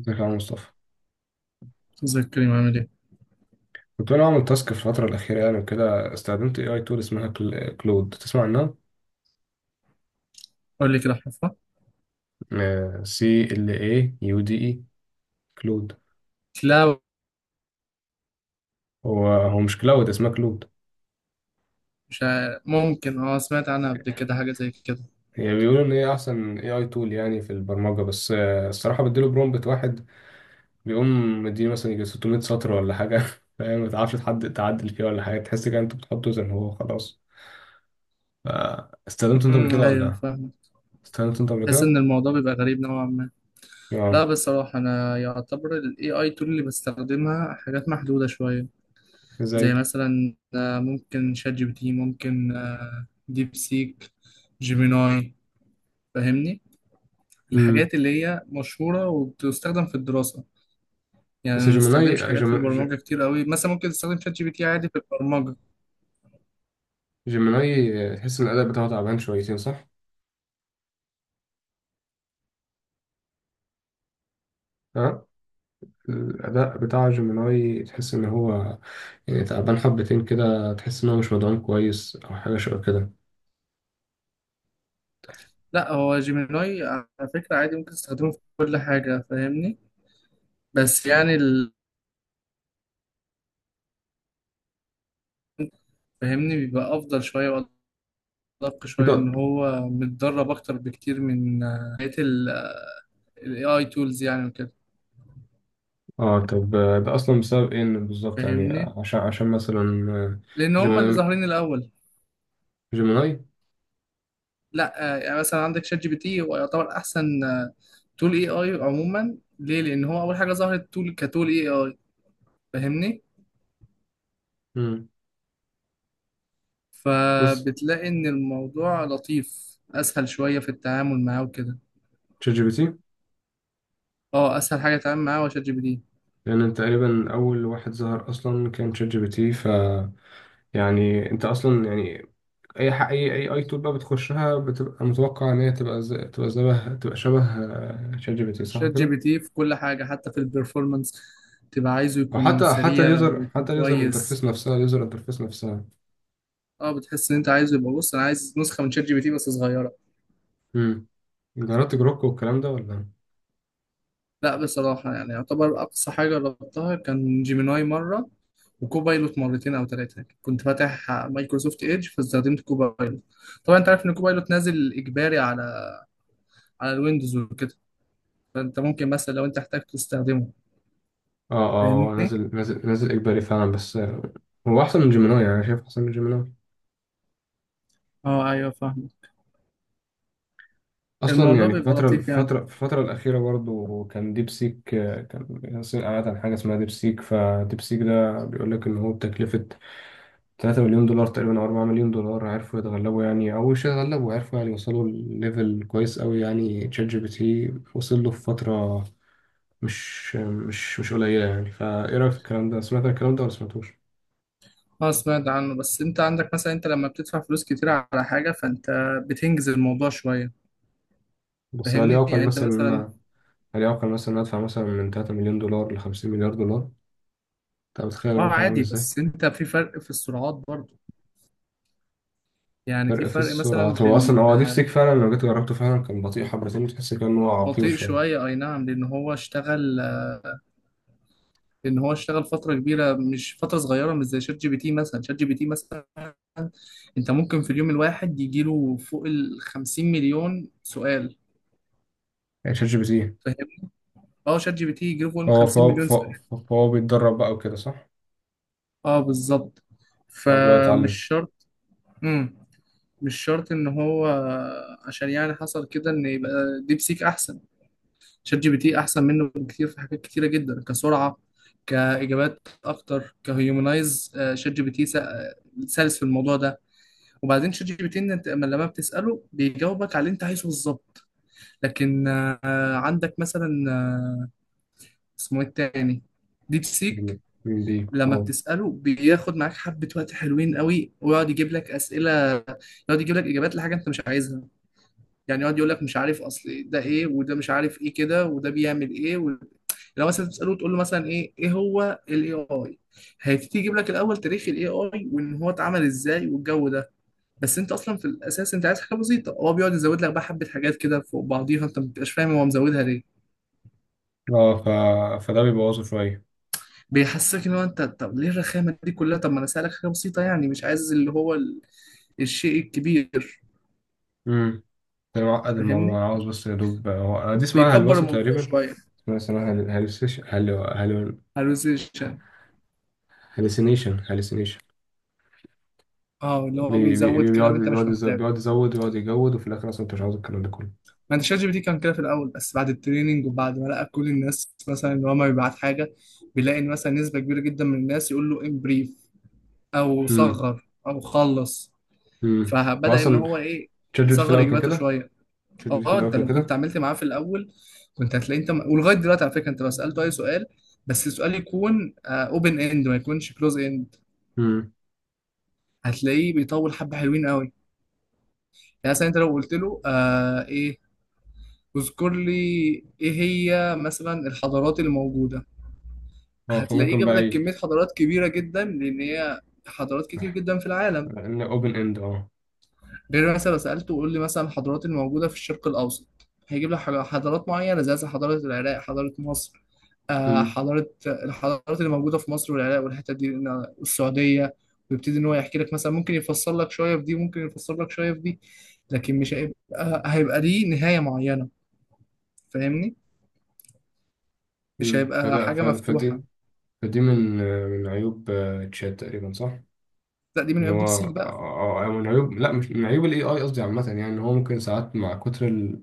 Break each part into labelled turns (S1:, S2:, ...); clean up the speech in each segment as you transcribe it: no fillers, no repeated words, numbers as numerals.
S1: ازيك يا عم مصطفى؟
S2: زي الكريم، عامل ايه؟
S1: كنت انا عامل تاسك في الفتره الاخيره يعني وكده استخدمت اي اي تول اسمها كلود. تسمع عنها؟
S2: قول لي كده حفرة.
S1: CLAUDE. كلود.
S2: لا،
S1: هو مش كلاود، اسمها كلود.
S2: مش عارف. ممكن، سمعت عنها قبل كده حاجة زي كده.
S1: هي بيقولوا ان هي احسن اي اي تول يعني في البرمجه، بس الصراحه بديله برومبت واحد بيقوم مديني مثلا يجي 600 سطر ولا حاجه. فاهم، ما تعرفش تحد تعدل فيه ولا حاجه، تحس كده انت بتحطه زي ما هو خلاص. ف- استخدمته انت قبل كده
S2: ايوه،
S1: ولا؟
S2: فاهم.
S1: استخدمته انت قبل
S2: بحس
S1: كده؟
S2: ان الموضوع بيبقى غريب نوعا ما. لا
S1: اه.
S2: بصراحة انا يعتبر ال AI tool اللي بستخدمها حاجات محدودة شوية، زي
S1: ازاي؟
S2: مثلا ممكن شات جي بي تي، ممكن ديب سيك، جيميناي. فاهمني،
S1: امم.
S2: الحاجات اللي هي مشهورة وبتستخدم في الدراسة. يعني
S1: بس
S2: ما
S1: جيميناي،
S2: بستخدمش حاجات في البرمجة كتير قوي، مثلا ممكن تستخدم شات جي بي تي عادي في البرمجة.
S1: جيميناي تحس ان الاداء بتاعه تعبان شويتين، صح؟ ها؟ الاداء بتاع جيميناي تحس ان هو، يعني تعبان حبتين كده، تحس ان هو مش مدعوم كويس او حاجه شبه كده.
S2: لا، هو جيميناي على فكرة عادي ممكن تستخدمه في كل حاجة، فاهمني؟ بس يعني فاهمني، بيبقى أفضل شوية وأدق شوية،
S1: ده
S2: لأن هو متدرب أكتر بكتير من بقية ال AI tools يعني وكده.
S1: اه. طب ده اصلا بسبب ايه، إن بالظبط يعني
S2: فاهمني،
S1: عشان مثلا
S2: لأن هم اللي
S1: جيميناي،
S2: ظاهرين الأول.
S1: جيميناي.
S2: لا يعني مثلا عندك شات جي بي تي، هو يعتبر أحسن تول اي اي عموما. ليه؟ لان هو اول حاجه ظهرت تول كتول اي اي، فاهمني.
S1: مم. بص،
S2: فبتلاقي ان الموضوع لطيف، اسهل شويه في التعامل معاه وكده.
S1: تشات جي بي تي
S2: اه، اسهل حاجه تتعامل معاه هو شات جي بي تي.
S1: لان تقريبا اول واحد ظهر اصلا كان تشات جي بي تي، ف يعني انت اصلا يعني اي اي تول بقى بتخشها، بتبقى متوقع ان هي تبقى شبه تبقى شبه شات جي بي تي، صح
S2: شات جي
S1: كده؟
S2: بي تي في كل حاجه، حتى في البرفورمانس تبقى عايزه
S1: او
S2: يكون
S1: حتى
S2: سريع
S1: اليوزر،
S2: ويكون
S1: اليوزر
S2: كويس.
S1: انترفيس نفسها، اليوزر انترفيس نفسها.
S2: اه، بتحس ان انت عايزه يبقى، بص انا عايز نسخه من شات جي بي تي بس صغيره.
S1: امم. جربت جروك والكلام ده ولا؟
S2: لا بصراحه، يعني يعتبر اقصى حاجه جربتها كان جيميناي مره، وكوبايلوت مرتين او ثلاثه. كنت فاتح مايكروسوفت ايدج فاستخدمت كوبايلوت. طبعا انت عارف ان كوبايلوت نازل اجباري على على الويندوز وكده، فانت ممكن مثلا لو انت احتاجت تستخدمه،
S1: اه اه، هو
S2: فاهمني.
S1: نازل نازل اجباري فعلا، بس هو احسن من جيميناي، يعني انا شايف احسن من جيميناي.
S2: اه ايوه فاهم.
S1: اصلا
S2: الموضوع
S1: يعني
S2: بيبقى لطيف يعني.
S1: في الفتره الاخيره برضو كان ديب سيك، كان ياسر قاعد عن حاجه اسمها ديب سيك، فديب سيك ده بيقول لك ان هو بتكلفه 3 مليون دولار تقريبا او 4 مليون دولار عرفوا يتغلبوا يعني، او مش يتغلبوا، عرفوا يعني يوصلوا لليفل كويس قوي يعني تشات جي بي تي وصل له في فترة مش قليلة يعني. فايه رأيك في الكلام ده؟ سمعت الكلام ده ولا سمعتوش؟
S2: اه، سمعت عنه، بس انت عندك مثلا، انت لما بتدفع فلوس كتير على حاجة فانت بتنجز الموضوع شوية،
S1: بس هل
S2: فاهمني؟
S1: يعقل
S2: يعني انت
S1: مثلا ان
S2: مثلا،
S1: انا، هل يعقل مثلا ان أنا ادفع مثلا من 3 مليون دولار ل 50 مليار دولار؟ انت متخيل
S2: اه
S1: الرقم عامل
S2: عادي،
S1: ازاي؟
S2: بس انت في فرق في السرعات برضو. يعني في
S1: فرق في
S2: فرق
S1: السرعة.
S2: مثلا
S1: هو اصلا
S2: بين
S1: هو ديب سيك فعلا لما جيت جربته فعلا كان بطيء حبتين، تحس كان هو عقيم
S2: بطيء
S1: شوية.
S2: شوية، اي نعم، لان هو اشتغل لان هو اشتغل فترة كبيرة، مش فترة صغيرة، مش زي شات جي بي تي. مثلا شات جي بي تي مثلا، انت ممكن في اليوم الواحد يجيله فوق ال 50 مليون سؤال،
S1: يعني تشات جي بي تي
S2: فاهمني؟ اه، شات جي بي تي يجيله فوق ال 50 مليون سؤال.
S1: فهو بيتدرب بقى وكده، صح؟
S2: اه بالظبط.
S1: فهو بيقعد
S2: فمش
S1: يتعلم.
S2: شرط، مش شرط ان هو، عشان يعني حصل كده ان يبقى ديب سيك احسن. شات جي بي تي احسن منه بكتير في حاجات كتيره جدا، كسرعه، كاجابات اكتر، كهيومنايز. شات جي بي تي سلس في الموضوع ده. وبعدين شات جي بي تي، إن انت لما بتساله بيجاوبك على اللي انت عايزه بالظبط. لكن عندك مثلا اسمه ايه التاني، ديب سيك،
S1: كريم كريم دي
S2: لما
S1: اه.
S2: بتساله بياخد معاك حبه وقت حلوين قوي، ويقعد يجيب لك اسئله، يقعد يجيب لك اجابات لحاجه انت مش عايزها. يعني يقعد يقول لك مش عارف اصل ده ايه، وده مش عارف ايه كده، وده بيعمل ايه و... لو مثلا تساله، تقول له مثلا ايه، ايه هو الاي اي، هيبتدي يجيب لك الاول تاريخ الاي اي، وان هو اتعمل ازاي، والجو ده. بس انت اصلا في الاساس انت عايز حاجه بسيطه، هو بيقعد يزود لك بقى حبه حاجات كده فوق بعضيها انت ما بتبقاش فاهم هو مزودها ليه.
S1: اه، فده بيبوظه شوية.
S2: بيحسسك ان هو، انت طب ليه الرخامه دي كلها؟ طب ما انا سالك حاجه بسيطه، يعني مش عايز اللي هو ال... الشيء الكبير.
S1: امم. ده معقد الموضوع،
S2: فاهمني،
S1: انا عاوز بس يا دوب هو انا دي اسمها
S2: بيكبر
S1: هلوسة
S2: الموضوع
S1: تقريبا.
S2: شويه.
S1: اسمها هل- هلوسيش هلو هلو
S2: هلوسيشن،
S1: هلوسينيشن، هلوسينيشن.
S2: اه اللي هو بيزود كلام انت
S1: بيقعد
S2: مش محتاجه.
S1: بيقعد يزود ويقعد يجود، وفي الاخر اصلا انت مش عاوز الكلام ده كله.
S2: ما انت شات جي بي تي كان كده في الاول، بس بعد التريننج وبعد ما لقى كل الناس مثلا ان هو ما بيبعت حاجه، بيلاقي ان مثلا نسبه كبيره جدا من الناس يقول له امبريف، او
S1: امم.
S2: صغر، او خلص.
S1: امم. هو
S2: فبدا ان
S1: اصلا
S2: هو ايه،
S1: تشات جي بي تي في
S2: يصغر
S1: الاول كان
S2: اجاباته
S1: كده.
S2: شويه.
S1: تشات جي بي تي في
S2: اه
S1: الاول
S2: انت
S1: كان
S2: لو كنت
S1: كده.
S2: عملت معاه في الاول كنت هتلاقي، انت ولغايه دلوقتي على فكره، انت لو سالته اي سؤال، بس السؤال يكون اوبن اند ما يكونش كلوز اند،
S1: امم.
S2: هتلاقيه بيطول حبه حلوين قوي. يعني مثلا انت لو قلت له آه ايه، اذكر لي ايه هي مثلا الحضارات الموجوده،
S1: اه
S2: هتلاقيه جاب لك كمية حضارات كبيرة جدا، لأن هي حضارات كتير جدا في العالم.
S1: ان اوبن اند اه.
S2: غير مثلا لو سألته قول لي مثلا الحضارات الموجودة في الشرق الأوسط، هيجيب لك حضارات معينة، زي مثلا حضارة العراق، حضارة مصر،
S1: امم.
S2: حضارة الحضارات اللي موجودة في مصر والعراق والحتة دي، والسعودية. ويبتدي إن هو يحكي لك، مثلا ممكن يفسر لك شوية في دي، ممكن يفسر لك شوية في دي، لكن مش هيبقى ليه نهاية معينة، فاهمني؟ مش هيبقى حاجة مفتوحة.
S1: فدي، فدي من من عيوب تشات تقريبا، صح؟
S2: لا دي من
S1: ان
S2: يبدي
S1: هو
S2: بسيك بقى.
S1: من عيوب، لا مش من عيوب الاي اي قصدي، عامه يعني ان هو ممكن ساعات مع كتر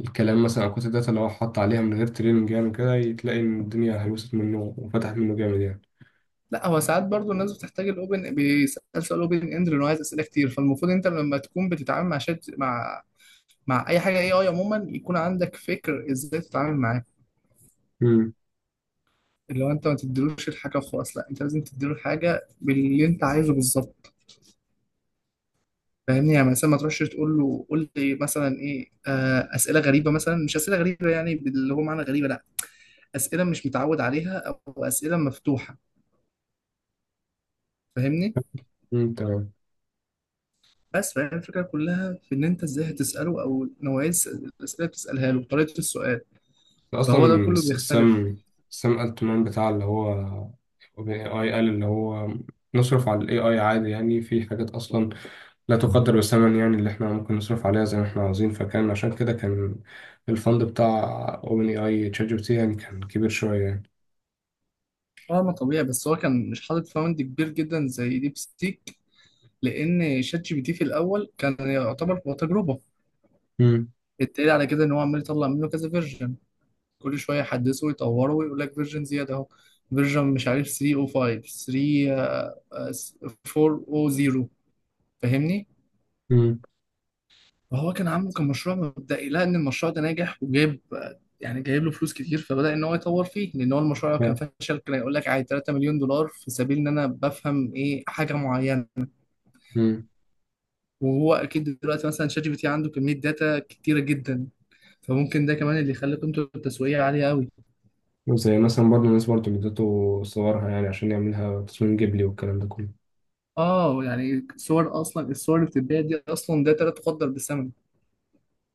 S1: الكلام مثلا او كتر الداتا اللي هو حط عليها من غير تريننج، يعني كده تلاقي ان الدنيا هيوصل منه وفتحت منه جامد يعني.
S2: لا هو ساعات برضو الناس بتحتاج الاوبن، بيسال سؤال اوبن اند لانه عايز اسئله كتير. فالمفروض انت لما تكون بتتعامل مع شات، مع مع اي حاجه اي اي عموما، يكون عندك فكر ازاي تتعامل معاه.
S1: امم.
S2: اللي هو انت ما تديلوش الحاجه وخلاص، لا انت لازم تديله الحاجه باللي انت عايزه بالظبط. فاهمني، يعني مثلا ما تروحش تقول له قول لي مثلا ايه، اسئله غريبه مثلا، مش اسئله غريبه يعني اللي هو معنى غريبه، لا، اسئله مش متعود عليها، او اسئله مفتوحه. فاهمني؟
S1: أمم، تمام.
S2: بس فهي الفكرة كلها في إن أنت إزاي هتسأله، أو نوعية الأسئلة اللي بتسألها له، طريقة السؤال، فهو ده
S1: اصلا
S2: كله بيختلف.
S1: سام، سام التمان بتاع اللي هو اي اي قال اللي هو نصرف على الاي اي عادي، يعني في حاجات اصلا لا تقدر بثمن يعني اللي احنا ممكن نصرف عليها زي ما احنا عاوزين، فكان عشان كده كان الفند بتاع اوبن اي اي تشات جي بي تي يعني كان كبير شويه يعني.
S2: اه ما طبيعي، بس هو كان مش حاطط فوند كبير جدا زي ديب ستيك، لأن شات جي بي تي في الأول كان يعتبر هو تجربة.
S1: مم.
S2: التالي على كده إن هو عمال يطلع منه كذا فيرجن، كل شوية يحدثه ويطوره ويقول لك فيرجن زيادة أهو. فيرجن مش عارف 305، 3، 400، فاهمني؟
S1: مم.
S2: فهو كان عامله كمشروع مبدئي، لقى ان المشروع ده ناجح وجايب، يعني جايب له فلوس كتير، فبدأ ان هو يطور فيه، لان هو المشروع لو كان
S1: فاهم.
S2: فشل كان يقول لك عادي 3 مليون دولار في سبيل ان انا بفهم ايه، حاجه معينه.
S1: مم.
S2: وهو اكيد دلوقتي مثلا شات جي بي تي عنده كميه داتا كتيره جدا، فممكن ده كمان اللي يخلي قيمته التسويقيه عاليه قوي.
S1: وزي مثلا برضه الناس برضه اديته صورها يعني عشان يعملها تصميم جيبلي والكلام ده كله.
S2: اه يعني صور، اصلا الصور اللي بتتباع دي اصلا داتا لا تقدر بثمن.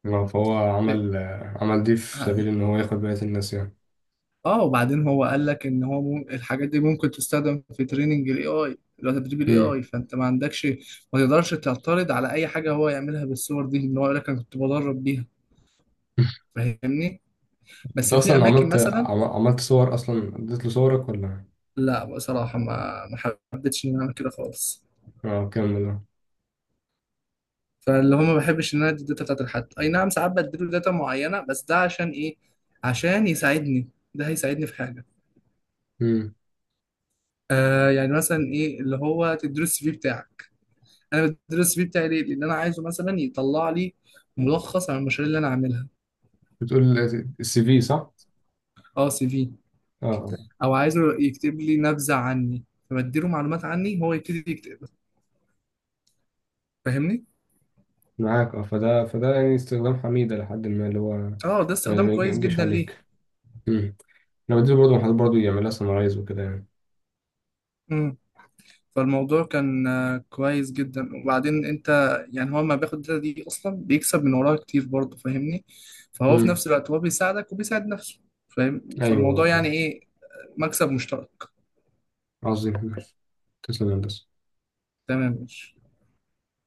S1: فهو عمل عمل دي في سبيل ان هو ياخد بقية الناس يعني.
S2: اه وبعدين هو قال لك ان هو الحاجات دي ممكن تستخدم في تريننج الاي اي، اللي هو تدريب الاي
S1: مم.
S2: اي، فانت ما عندكش، ما تقدرش تعترض على اي حاجه هو يعملها بالصور دي، ان هو يقول لك انا كنت بدرب بيها. فاهمني،
S1: انت
S2: بس في
S1: اصلا
S2: اماكن مثلا.
S1: عملت صور، اصلا اديت له صورك ولا؟
S2: لا بصراحه، ما حبيتش ان انا اعمل كده خالص.
S1: اه كمل اه.
S2: فاللي هو ما بحبش ان انا ادي الداتا بتاعت لحد، اي نعم ساعات بديله داتا معينه، بس ده عشان ايه؟ عشان يساعدني، ده هيساعدني في حاجه.
S1: مم.
S2: آه يعني مثلا ايه، اللي هو تديله السي في بتاعك، انا بدرس السي في بتاعي ليه؟ لان انا عايزه مثلا يطلع لي ملخص عن المشاريع اللي انا عاملها.
S1: بتقول السي في، صح؟
S2: اه سي في،
S1: اه آه.
S2: او عايزه يكتب لي نبذه عني، فبديله معلومات عني هو يبتدي يكتب، فاهمني؟
S1: معاك اه، فده يعني استخدام حميدة لحد ما اللي هو ما
S2: اه ده
S1: ما
S2: استخدام كويس
S1: يجيش
S2: جدا. ليه؟
S1: عليك. مم. انا بديله برضه، حد برضه يعملها سمرايز وكده يعني.
S2: امم فالموضوع كان كويس جدا. وبعدين انت، يعني هو ما بياخد الداتا دي، اصلا بيكسب من وراها كتير برضه، فاهمني؟ فهو في
S1: مم.
S2: نفس الوقت هو بيساعدك وبيساعد نفسه. فاهم؟
S1: ايوه
S2: فالموضوع يعني
S1: آه.
S2: ايه، مكسب مشترك.
S1: عظيم، تسلم يا هندسة.
S2: تمام، ماشي.